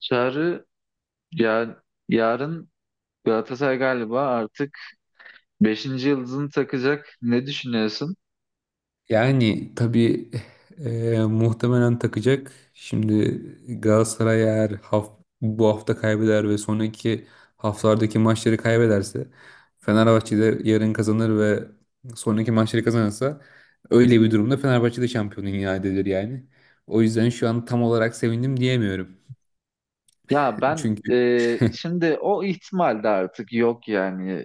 Çağrı ya, yarın Galatasaray galiba artık beşinci yıldızını takacak. Ne düşünüyorsun? Yani tabii, muhtemelen takacak. Şimdi Galatasaray eğer bu hafta kaybeder ve sonraki haftalardaki maçları kaybederse, Fenerbahçe de yarın kazanır ve sonraki maçları kazanırsa, öyle bir durumda Fenerbahçe de şampiyon ilan edilir yani. O yüzden şu an tam olarak sevindim diyemiyorum. Ya ben Çünkü. Şimdi o ihtimal de artık yok yani.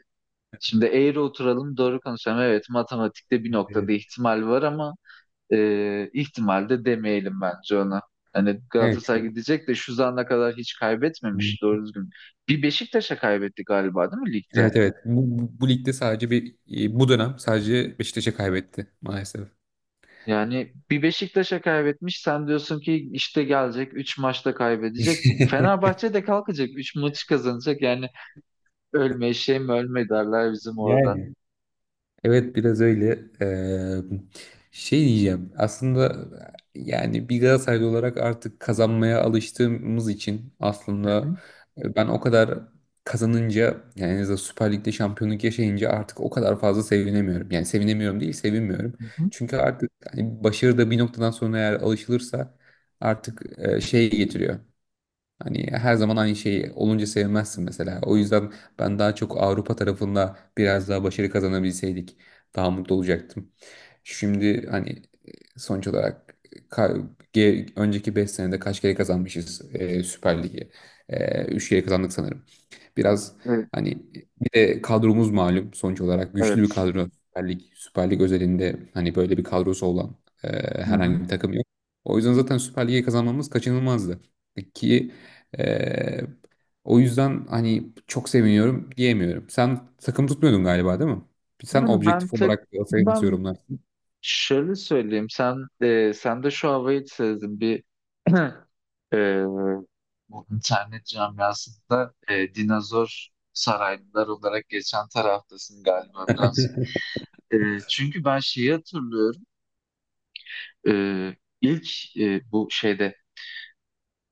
Şimdi eğri oturalım doğru konuşalım. Evet, matematikte bir noktada Evet. ihtimal var ama ihtimal de demeyelim bence ona. Hani Evet, Galatasaray çok. gidecek de şu zamana kadar hiç kaybetmemiş doğru düzgün. Bir Beşiktaş'a kaybetti galiba, değil mi ligde? Evet, evet, bu ligde sadece bir, bu dönem sadece Beşiktaş'a kaybetti maalesef. Yani bir Beşiktaş'a kaybetmiş. Sen diyorsun ki işte gelecek 3 maçta kaybedecek. Fenerbahçe de kalkacak 3 maçı kazanacak. Yani ölme eşeğim ölme derler bizim orada. Yani, evet, biraz öyle. Şey diyeceğim. Aslında yani, bir Galatasaraylı olarak artık kazanmaya alıştığımız için, Hı hı. aslında ben o kadar kazanınca, yani en azından Süper Lig'de şampiyonluk yaşayınca, artık o kadar fazla sevinemiyorum. Yani sevinemiyorum değil, sevinmiyorum. Hı hı. Çünkü artık hani başarı da bir noktadan sonra eğer alışılırsa, artık şey getiriyor. Hani her zaman aynı şey olunca sevmezsin mesela. O yüzden ben daha çok Avrupa tarafında biraz daha başarı kazanabilseydik daha mutlu olacaktım. Şimdi hani, e, sonuç olarak, ka- önceki 5 senede kaç kere kazanmışız, Süper Lig'i? 3 kere kazandık sanırım. Biraz Evet. hani, bir de kadromuz malum, sonuç olarak güçlü bir Evet. kadro. Süper Lig özelinde hani böyle bir kadrosu olan e, Hı herhangi hı. bir takım yok. O yüzden zaten Süper Lig'i kazanmamız kaçınılmazdı. E, ki ee, O yüzden hani çok seviniyorum diyemiyorum. Sen takım tutmuyordun galiba, değil mi? Sen Yani objektif olarak Galatasaray'ı nasıl ben yorumlarsın? şöyle söyleyeyim. Sen de şu havayı sezdim. Ee, bu internet camiasında dinozor saraylılar olarak geçen taraftasın galiba birazcık. E, çünkü ben şeyi hatırlıyorum. E, ilk e, bu şeyde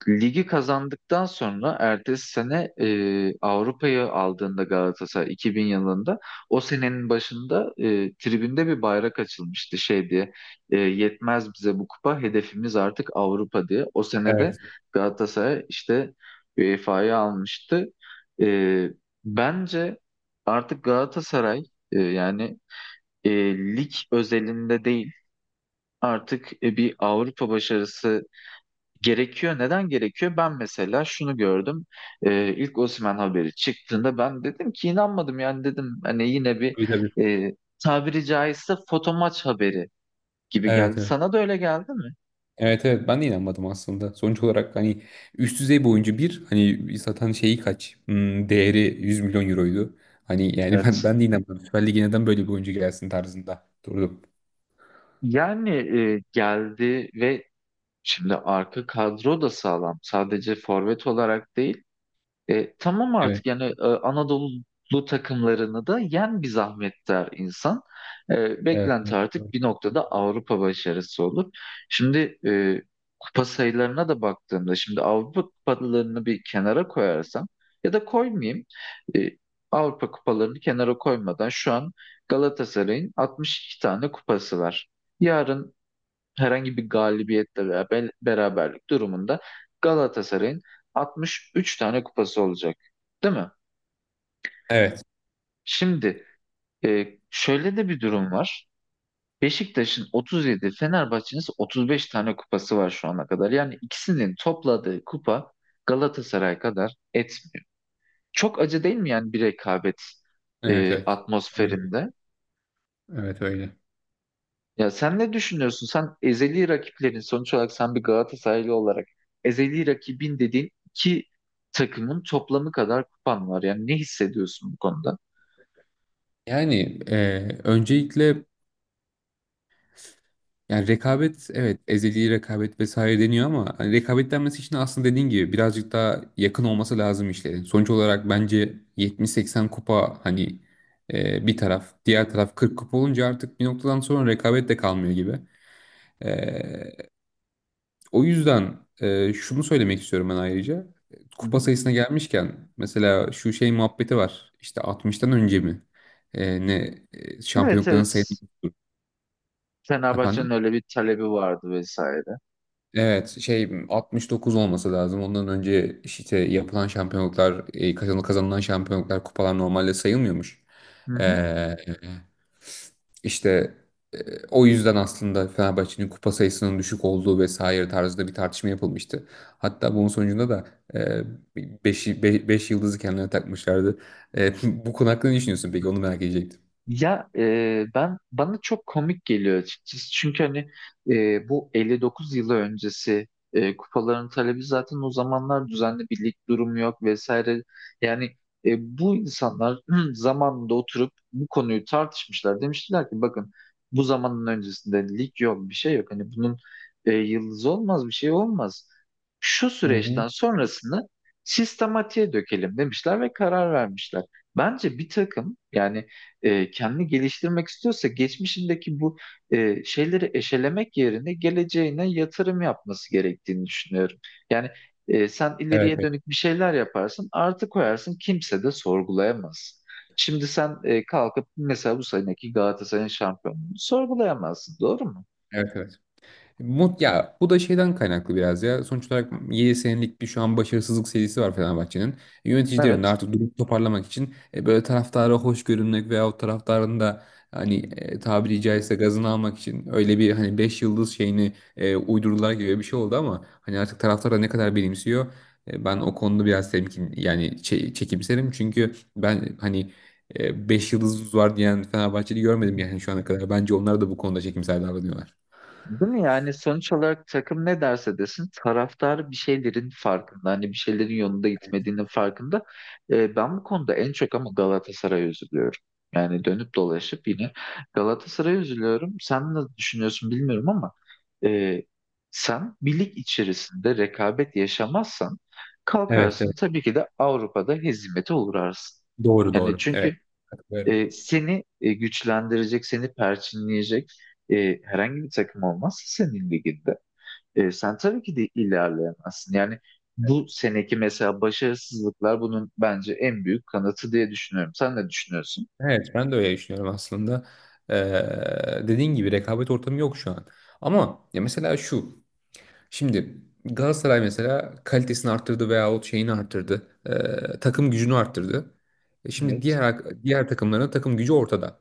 ligi kazandıktan sonra ertesi sene Avrupa'yı aldığında Galatasaray 2000 yılında, o senenin başında tribünde bir bayrak açılmıştı, şey diye, yetmez bize bu kupa, hedefimiz artık Avrupa diye. O senede Evet. Galatasaray işte UEFA'yı almıştı. E, bence artık Galatasaray e, yani e, lig özelinde değil, artık bir Avrupa başarısı gerekiyor. Neden gerekiyor? Ben mesela şunu gördüm. İlk Osimhen haberi çıktığında ben dedim ki, inanmadım yani, dedim hani yine bir Tabii, tabii. e, tabiri caizse foto maç haberi gibi Evet, geldi. evet. Sana da öyle geldi mi? Evet, evet, ben de inanmadım aslında. Sonuç olarak hani üst düzey bir oyuncu, bir hani zaten şeyi kaç, değeri 100 milyon euroydu. Hani, yani Evet. ben de inanmadım. Süper Lig'e neden böyle bir oyuncu gelsin tarzında durdum. Yani geldi ve şimdi arka kadro da sağlam. Sadece forvet olarak değil. Tamam artık Evet, yani Anadolu takımlarını da yen bir zahmet der insan. E, evet, beklenti evet, artık bir noktada Avrupa başarısı olur. Şimdi kupa sayılarına da baktığımda, şimdi Avrupa kupalarını bir kenara koyarsam, ya da koymayayım. E, Avrupa kupalarını kenara koymadan şu an Galatasaray'ın 62 tane kupası var. Yarın herhangi bir galibiyetle veya beraberlik durumunda Galatasaray'ın 63 tane kupası olacak. Değil mi? evet, Şimdi şöyle de bir durum var. Beşiktaş'ın 37, Fenerbahçe'nin ise 35 tane kupası var şu ana kadar. Yani ikisinin topladığı kupa Galatasaray kadar etmiyor. Çok acı değil mi yani, bir rekabet evet, evet. Öyle. atmosferinde? Evet, öyle. Ya sen ne düşünüyorsun? Sen ezeli rakiplerin, sonuç olarak sen bir Galatasaraylı olarak, ezeli rakibin dediğin iki takımın toplamı kadar kupan var. Yani ne hissediyorsun bu konuda? Yani, öncelikle, yani rekabet, evet, ezeli rekabet vesaire deniyor, ama hani rekabet denmesi için aslında, dediğin gibi, birazcık daha yakın olması lazım işlerin. Sonuç olarak bence 70-80 kupa hani, bir taraf, diğer taraf 40 kupa olunca, artık bir noktadan sonra rekabet de kalmıyor gibi. E, O yüzden, şunu söylemek istiyorum ben ayrıca. Hı hı. Kupa sayısına gelmişken mesela, şu şey muhabbeti var işte, 60'tan önce mi, ne, Evet, şampiyonlukların sayısı evet. Fenerbahçe'nin efendim? öyle bir talebi vardı vesaire. Evet, şey, 69 olması lazım. Ondan önce işte yapılan şampiyonluklar, kazanılan şampiyonluklar, kupalar normalde sayılmıyormuş. Hı hı. Ee, işte e, o yüzden aslında Fenerbahçe'nin kupa sayısının düşük olduğu vesaire tarzında bir tartışma yapılmıştı. Hatta bunun sonucunda da 5 yıldızı kendilerine takmışlardı. E, Bu konu hakkında ne düşünüyorsun peki? Onu merak edecektim. Ya e, ben bana çok komik geliyor açıkçası. Çünkü hani bu 59 yılı öncesi kupaların talebi, zaten o zamanlar düzenli bir lig durumu yok vesaire. Yani bu insanlar zamanında oturup bu konuyu tartışmışlar. Demiştiler ki, bakın, bu zamanın öncesinde lig yok, bir şey yok. Hani bunun yıldızı olmaz, bir şey olmaz. Şu Hı hı. süreçten sonrasını sistematiğe dökelim demişler ve karar vermişler. Bence bir takım, yani kendini geliştirmek istiyorsa, geçmişindeki bu şeyleri eşelemek yerine geleceğine yatırım yapması gerektiğini düşünüyorum. Yani sen Evet, ileriye evet, dönük bir şeyler yaparsın, artı koyarsın, kimse de sorgulayamaz. Şimdi sen kalkıp mesela bu seneki Galatasaray'ın şampiyonluğunu sorgulayamazsın, doğru mu? evet. Ya, bu da şeyden kaynaklı biraz ya. Sonuç olarak 7 senelik bir şu an başarısızlık serisi var Fenerbahçe'nin. Yöneticilerin de Evet. artık durumu toparlamak için, böyle taraftara hoş görünmek, veyahut taraftarın da hani, tabiri caizse gazını almak için, öyle bir hani 5 yıldız şeyini uydurdular gibi bir şey oldu. Ama hani artık taraftar da ne kadar benimsiyor, ben o konuda biraz temkin, yani çekimserim, çünkü ben hani, 5 yıldızımız var diyen Fenerbahçe'yi görmedim yani şu ana kadar. Bence onlar da bu konuda çekimser davranıyorlar. Değil mi? Yani sonuç olarak takım ne derse desin, taraftar bir şeylerin farkında. Hani bir şeylerin yolunda gitmediğinin farkında. Ben bu konuda en çok ama Galatasaray'a üzülüyorum. Yani dönüp dolaşıp yine Galatasaray'a üzülüyorum. Sen ne düşünüyorsun bilmiyorum ama e, sen bir lig içerisinde rekabet yaşamazsan, Evet. kalkarsın tabii ki de Avrupa'da hezimete uğrarsın. Doğru, Yani doğru. Evet. çünkü Katılıyorum. Seni güçlendirecek, seni perçinleyecek herhangi bir takım olmazsa senin liginde, sen tabii ki de ilerleyemezsin. Yani bu seneki mesela başarısızlıklar bunun bence en büyük kanıtı diye düşünüyorum. Sen ne düşünüyorsun? Evet, ben de öyle düşünüyorum aslında. Dediğin gibi, rekabet ortamı yok şu an. Ama ya, mesela şu. Şimdi Galatasaray mesela kalitesini arttırdı, veyahut şeyini arttırdı. Takım gücünü arttırdı. Şimdi Evet. diğer takımların takım gücü ortada.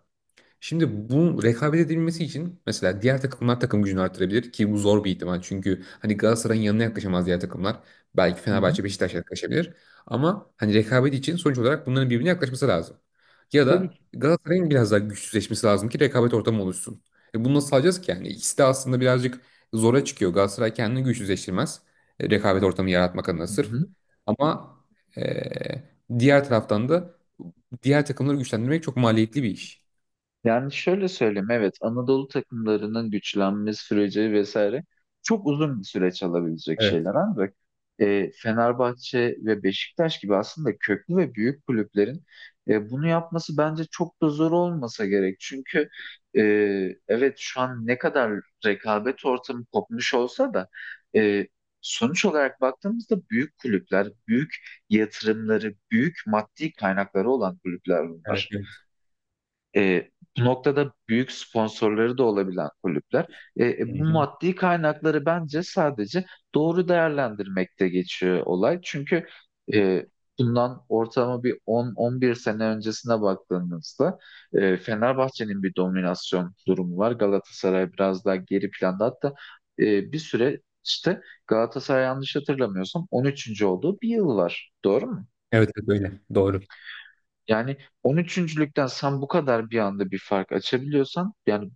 Şimdi bu rekabet edilmesi için, mesela diğer takımlar takım gücünü artırabilir, ki bu zor bir ihtimal. Çünkü hani Galatasaray'ın yanına yaklaşamaz diğer takımlar. Belki Hı hı. Fenerbahçe Beşiktaş yaklaşabilir. Ama hani rekabet için sonuç olarak bunların birbirine yaklaşması lazım. Ya Tabii da ki. Galatasaray'ın biraz daha güçsüzleşmesi lazım, ki rekabet ortamı oluşsun. Bunu nasıl sağlayacağız ki yani? İkisi de aslında birazcık zora çıkıyor. Galatasaray kendini güçsüzleştirmez, rekabet ortamı yaratmak adına Hı sırf. hı. Ama e, diğer taraftan da diğer takımları güçlendirmek çok maliyetli bir iş. Yani şöyle söyleyeyim, evet, Anadolu takımlarının güçlenme süreci vesaire çok uzun bir süreç alabilecek şeyler, ancak Fenerbahçe ve Beşiktaş gibi aslında köklü ve büyük kulüplerin bunu yapması bence çok da zor olmasa gerek. Çünkü e, evet, şu an ne kadar rekabet ortamı kopmuş olsa da, e, sonuç olarak baktığımızda, büyük kulüpler, büyük yatırımları, büyük maddi kaynakları olan kulüpler Evet, bunlar. evet. E, bu noktada büyük sponsorları da olabilen kulüpler. E, e, Hı bu hı. maddi kaynakları bence sadece doğru değerlendirmekte geçiyor olay. Çünkü e, bundan ortalama bir 10-11 sene öncesine baktığımızda Fenerbahçe'nin bir dominasyon durumu var. Galatasaray biraz daha geri planda. Hatta bir süre işte Galatasaray, yanlış hatırlamıyorsam, 13. olduğu bir yıl var. Doğru mu? Evet, evet, öyle. Doğru. Yani 13.lükten sen bu kadar bir anda bir fark açabiliyorsan, yani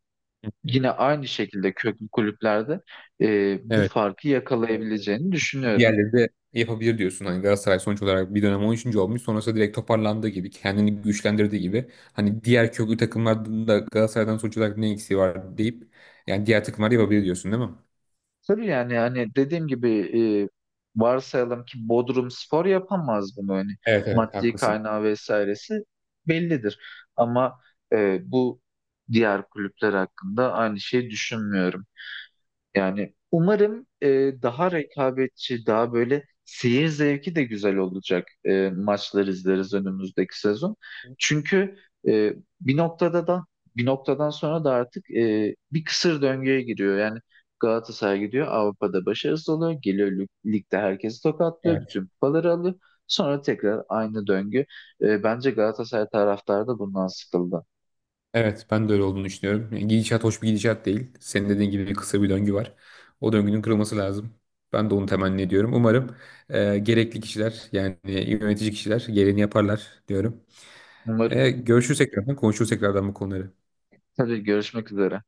Evet. yine aynı şekilde köklü kulüplerde bu Evet. farkı yakalayabileceğini düşünüyorum. Diğerleri de yapabilir diyorsun. Hani Galatasaray sonuç olarak bir dönem 13. olmuş. Sonrasında direkt toparlandığı gibi, kendini güçlendirdiği gibi, hani diğer köklü takımlarda da Galatasaray'dan sonuç olarak ne eksiği var deyip, yani diğer takımlar yapabilir diyorsun, değil mi? Tabii yani hani dediğim gibi, varsayalım ki Bodrumspor yapamaz bunu, hani Evet, evet, maddi haklısın. kaynağı vesairesi bellidir. Ama bu diğer kulüpler hakkında aynı şeyi düşünmüyorum. Yani umarım daha rekabetçi, daha böyle seyir zevki de güzel olacak maçlar izleriz önümüzdeki sezon. Çünkü e, bir noktada da bir noktadan sonra da artık bir kısır döngüye giriyor. Yani Galatasaray gidiyor, Avrupa'da başarısız oluyor. Geliyor, ligde herkesi tokatlıyor. Evet. Bütün kupaları alıyor. Sonra tekrar aynı döngü. Bence Galatasaray taraftarı da bundan sıkıldı. Evet, ben de öyle olduğunu düşünüyorum. Yani gidişat hoş bir gidişat değil. Senin dediğin gibi kısa bir döngü var. O döngünün kırılması lazım. Ben de onu temenni ediyorum. Umarım gerekli kişiler, yani yönetici kişiler, gereğini yaparlar diyorum. Umarım. Görüşürsek tekrardan, konuşuruz tekrardan bu konuları. Tabii, görüşmek üzere.